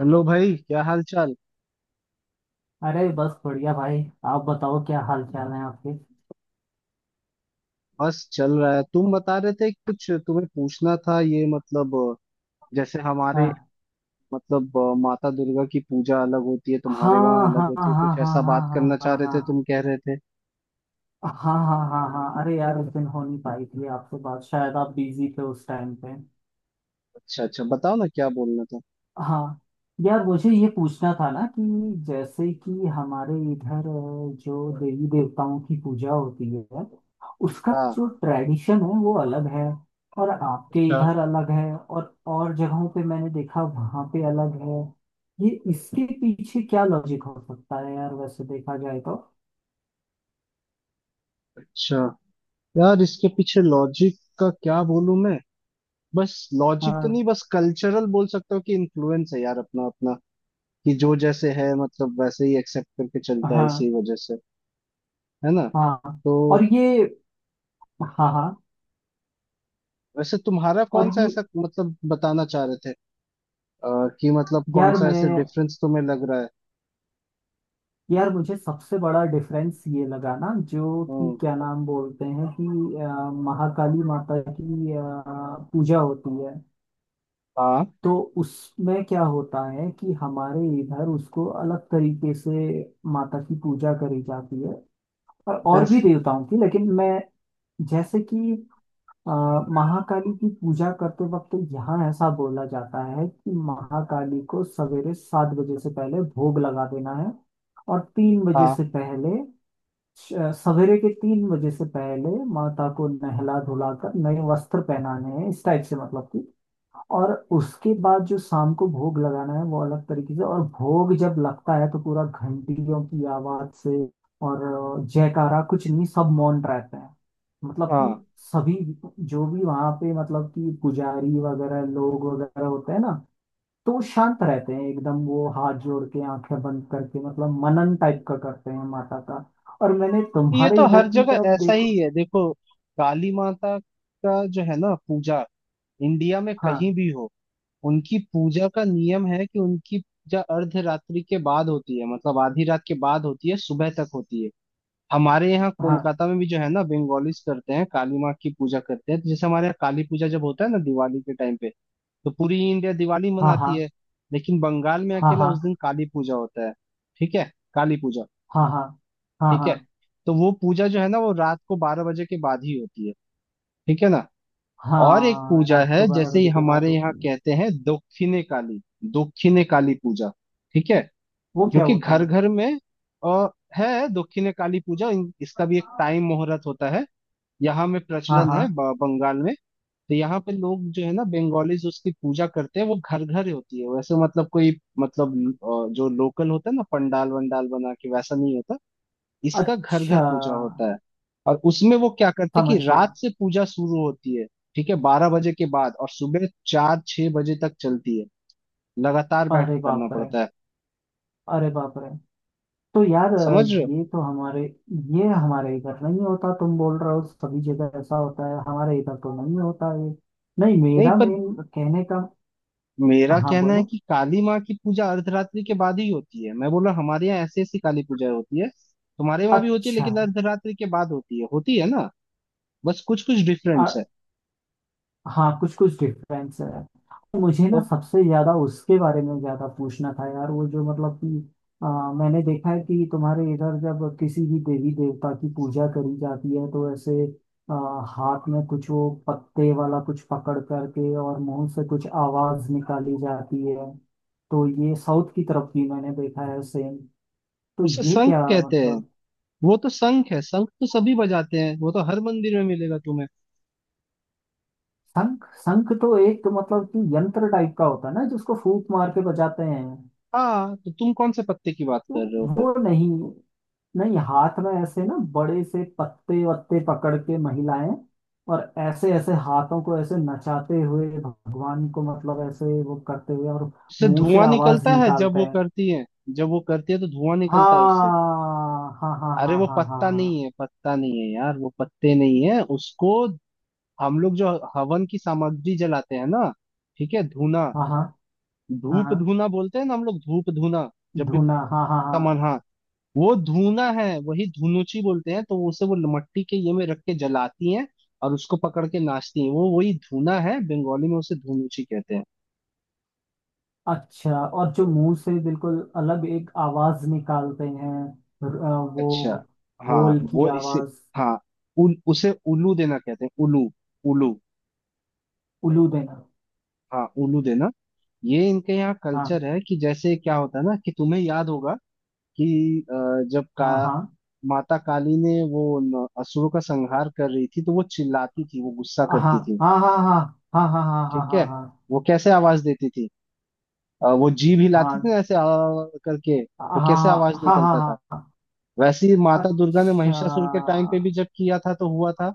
Hello भाई, क्या हाल चाल। अरे बस बढ़िया भाई। आप बताओ क्या हाल चाल है आपके। बस चल रहा है। तुम बता रहे थे कि कुछ तुम्हें पूछना था, ये मतलब जैसे हमारे, हाँ, मतलब माता दुर्गा की पूजा अलग होती है, तुम्हारे वहाँ हाँ, अलग हाँ, होती हाँ, है। कुछ हाँ, ऐसा हाँ, बात हाँ, करना चाह हाँ, रहे हाँ, थे, तुम कह रहे थे। हाँ, हाँ, हाँ, हाँ, हाँ। अरे यार, उस दिन हो नहीं पाई थी आपसे बात, शायद आप बिजी थे उस टाइम पे। अच्छा अच्छा, बताओ ना क्या बोलना था। हाँ। यार, मुझे ये पूछना था ना कि जैसे कि हमारे इधर, जो देवी देवताओं की पूजा होती है उसका हाँ। जो ट्रेडिशन है वो अलग है, और आपके अच्छा इधर अलग है, और जगहों पे मैंने देखा वहाँ पे अलग है। ये इसके पीछे क्या लॉजिक हो सकता है यार, वैसे देखा जाए तो। अच्छा। यार, इसके पीछे लॉजिक का क्या बोलूं मैं। बस। लॉजिक तो हाँ, नहीं, बस कल्चरल बोल सकता हूँ कि इन्फ्लुएंस है यार, अपना अपना। कि जो जैसे है मतलब वैसे ही एक्सेप्ट करके चलता है हाँ, इसी वजह से। है ना। हाँ। तो और ये। हाँ, हाँ। वैसे तुम्हारा कौन और सा ये। ऐसा मतलब बताना चाह रहे थे, कि मतलब कौन यार सा ऐसे मैं डिफरेंस तुम्हें लग रहा है। यार, मुझे सबसे बड़ा डिफरेंस ये लगा ना, जो कि हम्म। क्या नाम बोलते हैं कि अ, महाकाली माता की पूजा होती है। हाँ। तो उसमें क्या होता है कि हमारे इधर उसको अलग तरीके से माता की पूजा करी जाती है, और भी जैसे। देवताओं की, लेकिन मैं, जैसे कि अ, महाकाली की पूजा करते वक्त यहाँ ऐसा बोला जाता है कि महाकाली को सवेरे 7 बजे से पहले भोग लगा देना है, और 3 बजे हाँ से पहले श- सवेरे के 3 बजे से पहले माता को नहला धुलाकर नए वस्त्र पहनाने हैं, इस टाइप से मतलब कि। और उसके बाद जो शाम को भोग लगाना है वो अलग तरीके से, और भोग जब लगता है तो पूरा घंटियों की आवाज से, और जयकारा कुछ नहीं, सब मौन रहते हैं। मतलब कि हाँ। सभी जो भी वहां पे, मतलब कि पुजारी वगैरह लोग वगैरह होते हैं ना, तो वो शांत रहते हैं एकदम, वो हाथ जोड़ के आंखें बंद करके मतलब मनन टाइप का करते हैं माता का। और मैंने ये तुम्हारे तो हर इधर की जगह तरफ ऐसा देखो। ही है देखो। काली माता का जो है ना पूजा, इंडिया में कहीं हाँ, भी हो, उनकी पूजा का नियम है कि उनकी पूजा अर्धरात्रि के बाद होती है, मतलब आधी रात के बाद होती है, सुबह तक होती है। हमारे यहाँ हाँ, कोलकाता में भी जो है ना बंगालीज करते हैं, काली माँ की पूजा करते हैं। तो जैसे हमारे यहाँ काली पूजा जब होता है ना दिवाली के टाइम पे, तो पूरी इंडिया दिवाली हाँ, हाँ, मनाती है लेकिन बंगाल में हाँ, अकेला हाँ, उस दिन काली पूजा होता है। ठीक है। काली पूजा। हाँ, हाँ, हाँ, ठीक है। हाँ। तो वो पूजा जो है ना, वो रात को 12 बजे के बाद ही होती है। ठीक है ना। और एक हाँ, पूजा रात है, को बारह जैसे ही बजे के बाद हमारे यहाँ होती है। कहते हैं दक्षिणे काली। दक्षिणे काली पूजा। ठीक है। वो जो क्या कि होता है? घर घर में आ, है, दक्षिणे काली पूजा। इसका भी एक टाइम मुहूर्त होता है। यहाँ में हाँ, प्रचलन हाँ। है बंगाल में। तो यहाँ पे लोग जो है ना बंगालीज उसकी पूजा करते हैं, वो घर घर होती है। वैसे मतलब कोई, मतलब जो लोकल होता है ना पंडाल वंडाल बना के, वैसा नहीं होता। इसका घर घर अच्छा, पूजा होता है। और उसमें वो क्या करते हैं कि समझ गया। रात से पूजा शुरू होती है, ठीक है 12 बजे के बाद, और सुबह 4-6 बजे तक चलती है। लगातार बैठ अरे के करना बाप रे! पड़ता है। अरे बाप रे! तो यार, समझ रहे हो। ये तो हमारे ये हमारे इधर नहीं होता। तुम बोल रहे हो सभी जगह ऐसा होता है, हमारे इधर तो नहीं होता ये। नहीं, नहीं मेरा पर, मेन कहने का। मेरा हाँ, कहना है बोलो। कि काली माँ की पूजा अर्धरात्रि के बाद ही होती है। मैं बोला हमारे यहाँ ऐसी ऐसी काली पूजा होती है, तुम्हारे वहां भी होती है अच्छा। लेकिन अर्धरात्रि के बाद होती है। होती है ना। बस कुछ कुछ डिफरेंस है। हाँ, कुछ कुछ डिफरेंस है, मुझे ना तो सबसे ज्यादा उसके बारे में ज्यादा पूछना था यार, वो जो मतलब कि मैंने देखा है कि तुम्हारे इधर जब किसी भी देवी देवता की पूजा करी जाती है तो ऐसे आ, हाथ में कुछ वो पत्ते वाला कुछ पकड़ करके और मुंह से कुछ आवाज निकाली जाती है, तो ये साउथ की तरफ भी मैंने देखा है सेम। तो उसे ये शंख क्या कहते हैं। मतलब? वो तो शंख है, शंख तो सभी बजाते हैं, वो तो हर मंदिर में मिलेगा तुम्हें। शंख, शंख तो एक मतलब कि यंत्र टाइप का होता है ना जिसको फूंक मार के बजाते हैं। हाँ तो तुम कौन से पत्ते की बात वो कर रहे हो फिर। वो नहीं, नहीं, हाथ में ऐसे ना बड़े से पत्ते वत्ते पकड़ के महिलाएं, और ऐसे ऐसे हाथों को ऐसे नचाते हुए भगवान को मतलब ऐसे वो करते हुए, और उससे मुंह से धुआं आवाज निकलता है जब निकालते वो हैं। करती है। जब वो करती है तो धुआं हाँ, निकलता है उससे। हाँ, हाँ, अरे हाँ, वो हाँ, पत्ता नहीं हाँ, है, पत्ता नहीं है यार, वो पत्ते नहीं है उसको। हम लोग जो हवन की सामग्री जलाते हैं ना, ठीक है, धूना, हाँ, हाँ, हाँ, हाँ, धूप हाँ, धूना बोलते हैं ना हम लोग, धूप धूना। जब भी धुना, हाँ, हाँ, हाँ। तमन्हा वो धूना है, वही धुनुची बोलते हैं। तो उसे वो मट्टी के ये में रख के जलाती हैं, और उसको पकड़ के नाचती हैं। वो वही धूना है, बंगाली में उसे धुनुची कहते हैं। अच्छा, और जो मुंह से बिल्कुल अलग एक आवाज निकालते हैं, र- अ, अच्छा। वो हाँ। होल की वो इसे, आवाज। हाँ, उसे उल्लू देना कहते हैं, उल्लू। उल्लू। उलू देना। हाँ, उल्लू देना। ये इनके यहाँ हाँ, कल्चर है कि जैसे क्या होता है ना कि तुम्हें याद होगा कि जब का हाँ, हाँ, माता काली ने वो असुरों का संहार कर रही थी, तो वो चिल्लाती थी, वो गुस्सा हाँ, करती थी। हाँ, हाँ, हाँ, हाँ, हाँ, ठीक है। हाँ, हाँ, वो कैसे आवाज देती थी। वो जीभ हिलाती हाँ, थी ना ऐसे आ करके, हाँ, तो कैसे आवाज हाँ, हाँ, हाँ, हाँ, निकलता था। हाँ, हाँ। वैसे ही माता दुर्गा ने अच्छा, महिषासुर के टाइम पे भी जब किया था तो हुआ था।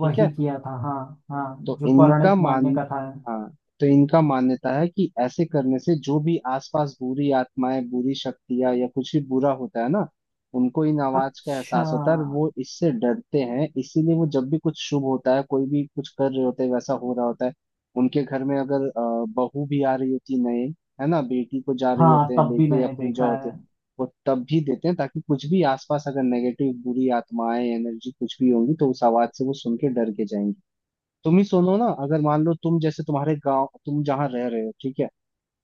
ठीक है। किया था। हाँ, हाँ, तो जो इनका पौराणिक मान मान्य कथा है। हाँ, तो इनका मान्यता है कि ऐसे करने से जो भी आसपास बुरी आत्माएं, बुरी शक्तियां या कुछ भी बुरा होता है ना, उनको इन आवाज का अच्छा। एहसास होता है, और वो इससे डरते हैं। इसीलिए वो जब भी कुछ शुभ होता है, कोई भी कुछ कर रहे होते हैं, वैसा हो रहा होता है, उनके घर में, अगर बहू भी आ रही होती नए, है ना, बेटी को जा रही हाँ, होते हैं तब भी लेके, या मैंने पूजा देखा होते हैं, है। वो तब भी देते हैं, ताकि कुछ भी आसपास अगर नेगेटिव बुरी आत्माएं, एनर्जी कुछ भी होंगी तो उस आवाज से वो सुन के डर के जाएंगी। तुम ही सुनो ना, अगर मान लो तुम, जैसे तुम्हारे गांव तुम जहाँ रह रहे हो, ठीक है,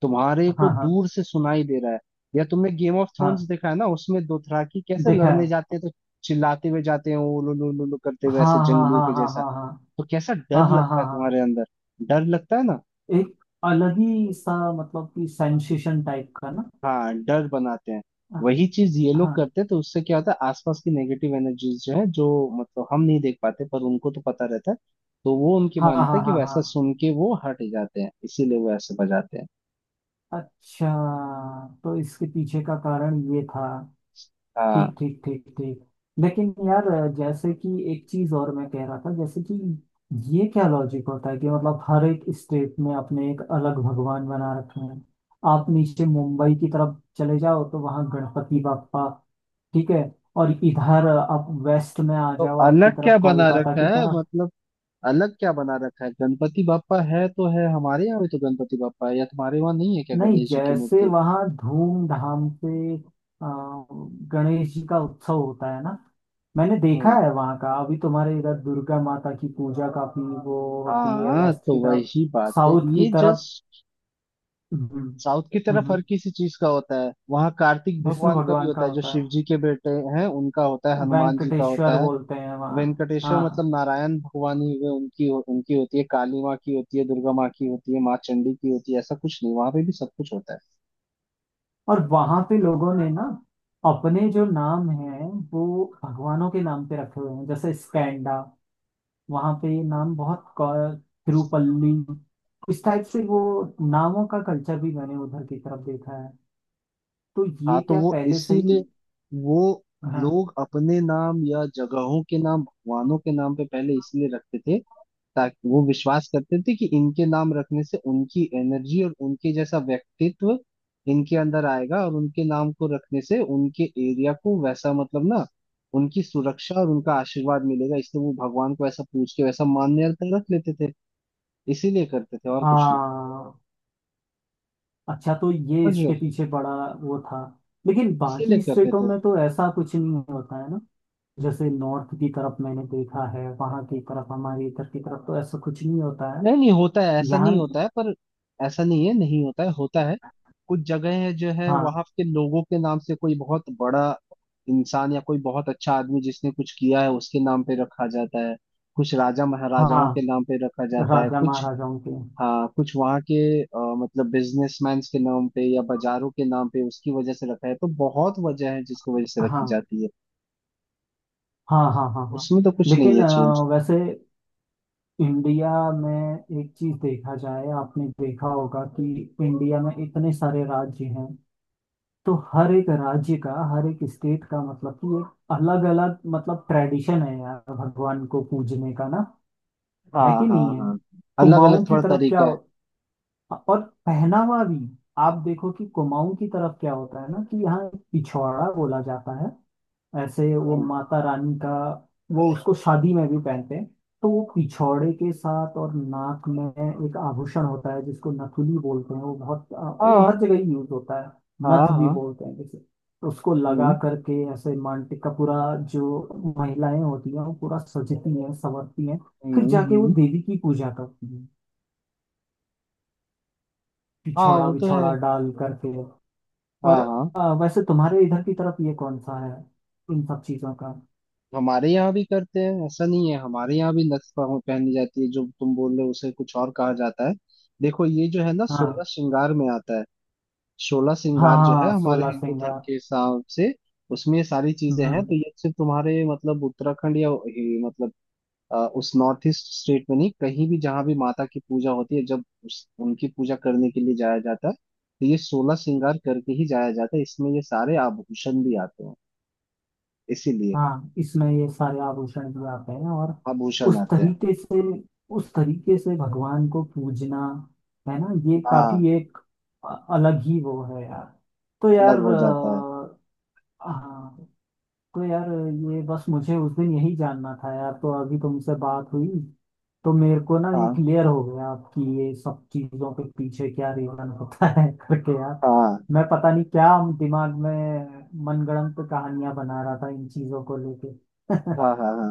तुम्हारे को हाँ, हाँ, दूर से सुनाई दे रहा है, या तुमने गेम ऑफ थ्रोन्स हाँ, देखा है ना, उसमें दोथराकी कैसे देखा है। लड़ने जाते हैं, तो चिल्लाते हुए जाते हैं, उलू लू लू लू करते हुए हाँ, ऐसे हाँ, जंगलियों हाँ, के हाँ, जैसा। हाँ, हाँ, तो कैसा डर हाँ, हाँ, हाँ, लगता है हाँ। तुम्हारे अंदर। डर लगता है ना। एक अलग ही सा मतलब कि सेंसेशन टाइप का ना। हाँ, डर बनाते हैं। हाँ, वही चीज ये लोग हाँ, करते हैं, तो उससे क्या होता है, आसपास की नेगेटिव एनर्जीज जो है, जो मतलब हम नहीं देख पाते पर उनको तो पता रहता है। तो वो उनकी हाँ, हाँ, मान्यता है कि हाँ, वैसा हाँ। सुन के वो हट जाते हैं, इसीलिए वो ऐसे बजाते हैं। अच्छा, तो इसके पीछे का कारण ये था। ठीक, हाँ। ठीक, ठीक, ठीक। लेकिन यार, जैसे कि एक चीज और मैं कह रहा था, जैसे कि ये क्या लॉजिक होता है कि मतलब हर एक स्टेट में अपने एक अलग भगवान बना रखे हैं। आप नीचे मुंबई की तरफ चले जाओ तो वहाँ गणपति बाप्पा। ठीक है। और इधर आप वेस्ट में आ तो जाओ, आपकी अलग क्या तरफ, बना कोलकाता की रखा है तरफ। मतलब, अलग क्या बना रखा है। गणपति बापा है तो है हमारे यहाँ भी, तो गणपति बापा है, या तुम्हारे वहाँ नहीं है क्या नहीं, गणेश जी की जैसे मूर्ति। वहाँ धूमधाम से गणेश जी का उत्सव होता है ना, मैंने देखा हम्म। है वहां का। अभी तुम्हारे इधर दुर्गा माता की पूजा काफी वो होती है, हाँ वेस्ट तो की तरफ। वही बात है साउथ की ये तरफ। जस्ट। हम्म। साउथ की तरफ हम्म, हर किसी चीज का होता है, वहाँ कार्तिक विष्णु भगवान का भी भगवान का होता है, जो होता शिव जी के बेटे हैं, उनका होता है, है, हनुमान जी का वेंकटेश्वर होता है। बोलते हैं वहाँ। वेंकटेश्वर हाँ। मतलब नारायण भगवान ही हुए, उनकी उनकी होती है, काली माँ की होती है, दुर्गा माँ की होती है, माँ चंडी की होती है। ऐसा कुछ नहीं, वहां पे भी सब कुछ होता और वहां पे लोगों ने ना अपने जो नाम है वो भगवानों के नाम पे रखे हुए हैं, जैसे स्कैंडा, वहां पे ये नाम बहुत तिरुपल्ली, इस टाइप से है। वो नामों का कल्चर भी मैंने उधर की तरफ देखा है। तो ये हाँ, तो क्या वो पहले से ही? इसीलिए वो हाँ, लोग अपने नाम या जगहों के नाम भगवानों के नाम पे पहले इसलिए रखते थे, ताकि वो विश्वास करते थे कि इनके नाम रखने से उनकी एनर्जी और उनके जैसा व्यक्तित्व इनके अंदर आएगा, और उनके नाम को रखने से उनके एरिया को वैसा, मतलब ना, उनकी सुरक्षा और उनका आशीर्वाद मिलेगा। इसलिए वो भगवान को ऐसा पूछ के वैसा मान्य रख लेते थे। इसीलिए करते थे, और कुछ नहीं। हाँ। अच्छा, तो ये समझ रहे इसके हो। पीछे बड़ा वो था। लेकिन इसीलिए बाकी करते स्टेटों थे। में तो ऐसा कुछ नहीं होता है ना, जैसे नॉर्थ की तरफ मैंने देखा है वहां की तरफ, हमारी इधर की तरफ तो ऐसा कुछ नहीं होता है। नहीं, नहीं होता है, ऐसा यहाँ। नहीं होता है पर, ऐसा नहीं है, नहीं होता है, होता है। कुछ जगह है जो है हाँ, वहां के लोगों के नाम से, कोई बहुत बड़ा इंसान या कोई बहुत अच्छा आदमी जिसने कुछ किया है उसके नाम पे रखा जाता है, कुछ राजा महाराजाओं के हाँ, नाम पे रखा जाता है, राजा कुछ, महाराजाओं के। हाँ, कुछ वहाँ के अ, मतलब बिजनेसमैन के नाम पे या बाजारों के नाम पे, उसकी वजह से रखा है। तो बहुत वजह है जिसकी वजह से रखी हाँ, जाती है। हाँ, हाँ, हाँ, हाँ। उसमें तो कुछ नहीं लेकिन है चेंज। वैसे इंडिया में एक चीज देखा जाए, आपने देखा होगा कि इंडिया में इतने सारे राज्य हैं। तो हर एक राज्य का, हर एक स्टेट का मतलब कि एक अलग अलग मतलब ट्रेडिशन है यार, भगवान को पूजने का ना, है हाँ कि हाँ नहीं है? हाँ। अलग कुमाऊं अलग की थोड़ा तरफ क्या तरीका है। हो- और पहनावा भी। आप देखो कि कुमाऊं की तरफ क्या होता है ना कि यहाँ पिछवाड़ा बोला जाता है, ऐसे वो हम्म। माता रानी का। वो उसको शादी में भी पहनते हैं, तो वो पिछौड़े के साथ। और नाक में एक आभूषण होता है जिसको नथुली बोलते हैं, वो बहुत वो हाँ हर जगह ही यूज होता है, हाँ नथ भी हाँ। बोलते हैं जैसे। तो उसको लगा हम्म करके ऐसे मांटिक का पूरा, जो महिलाएं होती हैं वो पूरा सजती हैं संवरती हैं, फिर हम्म जाके वो हम्म। देवी की पूजा करती हैं, हाँ, पिछौड़ा वो तो विछौड़ा है। डाल करके। और हाँ हाँ। वैसे तुम्हारे इधर की तरफ ये कौन सा है, इन सब चीजों का? हमारे यहाँ भी करते हैं, ऐसा नहीं है। हमारे यहाँ भी नथ पहनी जाती है, जो तुम बोल रहे हो उसे कुछ और कहा जाता है। देखो, ये जो है ना, सोलह हाँ, श्रृंगार में आता है। सोलह हाँ, श्रृंगार जो है हाँ, हमारे सोलह हिंदू धर्म सिंगर के हिसाब से, उसमें ये सारी चीजें हैं। हम्म, तो ये सिर्फ तुम्हारे मतलब उत्तराखंड या मतलब उस नॉर्थ ईस्ट स्टेट में नहीं, कहीं भी जहां भी माता की पूजा होती है, जब उस उनकी पूजा करने के लिए जाया जाता है, तो ये सोलह श्रृंगार करके ही जाया जाता है। इसमें ये सारे आभूषण भी आते हैं। इसीलिए हाँ, इसमें ये सारे आभूषण भी आते हैं, और आभूषण उस आते हैं। तरीके से, उस तरीके से भगवान को पूजना, है ना? ये हाँ। काफी एक अलग ही वो है यार। तो अलग यार, हो जाता है। हाँ, तो यार, ये बस मुझे उस दिन यही जानना था यार, तो अभी तुमसे बात हुई तो मेरे को ना ये हाँ क्लियर हो गया आपकी ये सब चीजों के पीछे क्या रीजन होता है करके यार। हाँ मैं पता नहीं क्या दिमाग में मनगढ़ंत कहानियां बना रहा था इन चीजों को लेके। हाँ हाँ हाँ।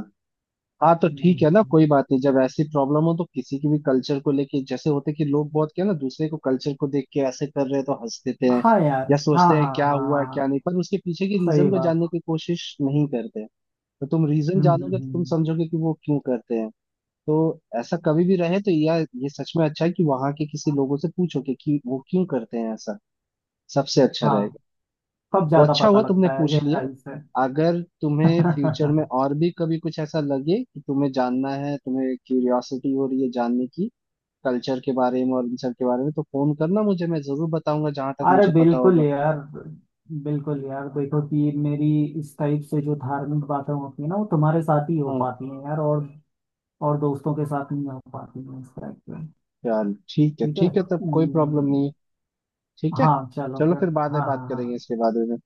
हाँ तो ठीक है ना, हम्म, कोई बात नहीं। जब ऐसी प्रॉब्लम हो तो किसी की भी कल्चर को लेके, जैसे होते कि लोग बहुत क्या ना, दूसरे को कल्चर को देख के ऐसे कर रहे हैं तो हंस देते हैं, हाँ यार, या हाँ, सोचते हैं हाँ, हाँ, क्या हुआ हाँ, क्या नहीं, हाँ, पर उसके पीछे की सही रीजन को जानने बात। की कोशिश नहीं करते। तो तुम रीजन हम्म, हम्म, जानोगे तो तुम समझोगे कि वो क्यों करते हैं। तो ऐसा कभी भी रहे तो, या ये सच में अच्छा है कि वहां के किसी लोगों से पूछोगे कि वो क्यों करते हैं ऐसा, सबसे अच्छा हाँ, रहेगा। तब तो ज्यादा अच्छा पता हुआ तुमने लगता है पूछ लिया। गहराई से। अगर तुम्हें फ्यूचर में और भी कभी कुछ ऐसा लगे कि तुम्हें जानना है, तुम्हें क्यूरियोसिटी हो रही है जानने की, कल्चर के बारे में और इन सब के बारे में, तो फोन करना मुझे, मैं जरूर बताऊंगा जहां तक अरे मुझे पता बिल्कुल होगा। यार! बिल्कुल यार, देखो कि मेरी इस टाइप से जो धार्मिक बातें होती है ना वो तुम्हारे साथ ही हो हाँ। पाती हैं यार, और दोस्तों के साथ नहीं हो पाती हैं इस टाइप से। चल ठीक है, ठीक है। ठीक है, तब कोई प्रॉब्लम नहीं है। ठीक है। हाँ, चलो चलो फिर। फिर बाद में हाँ, बात हाँ, करेंगे हाँ। इसके बारे में।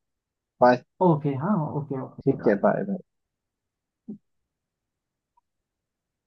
Bye. ओके, हाँ, ओके, ठीक है, ओके। Bye bye.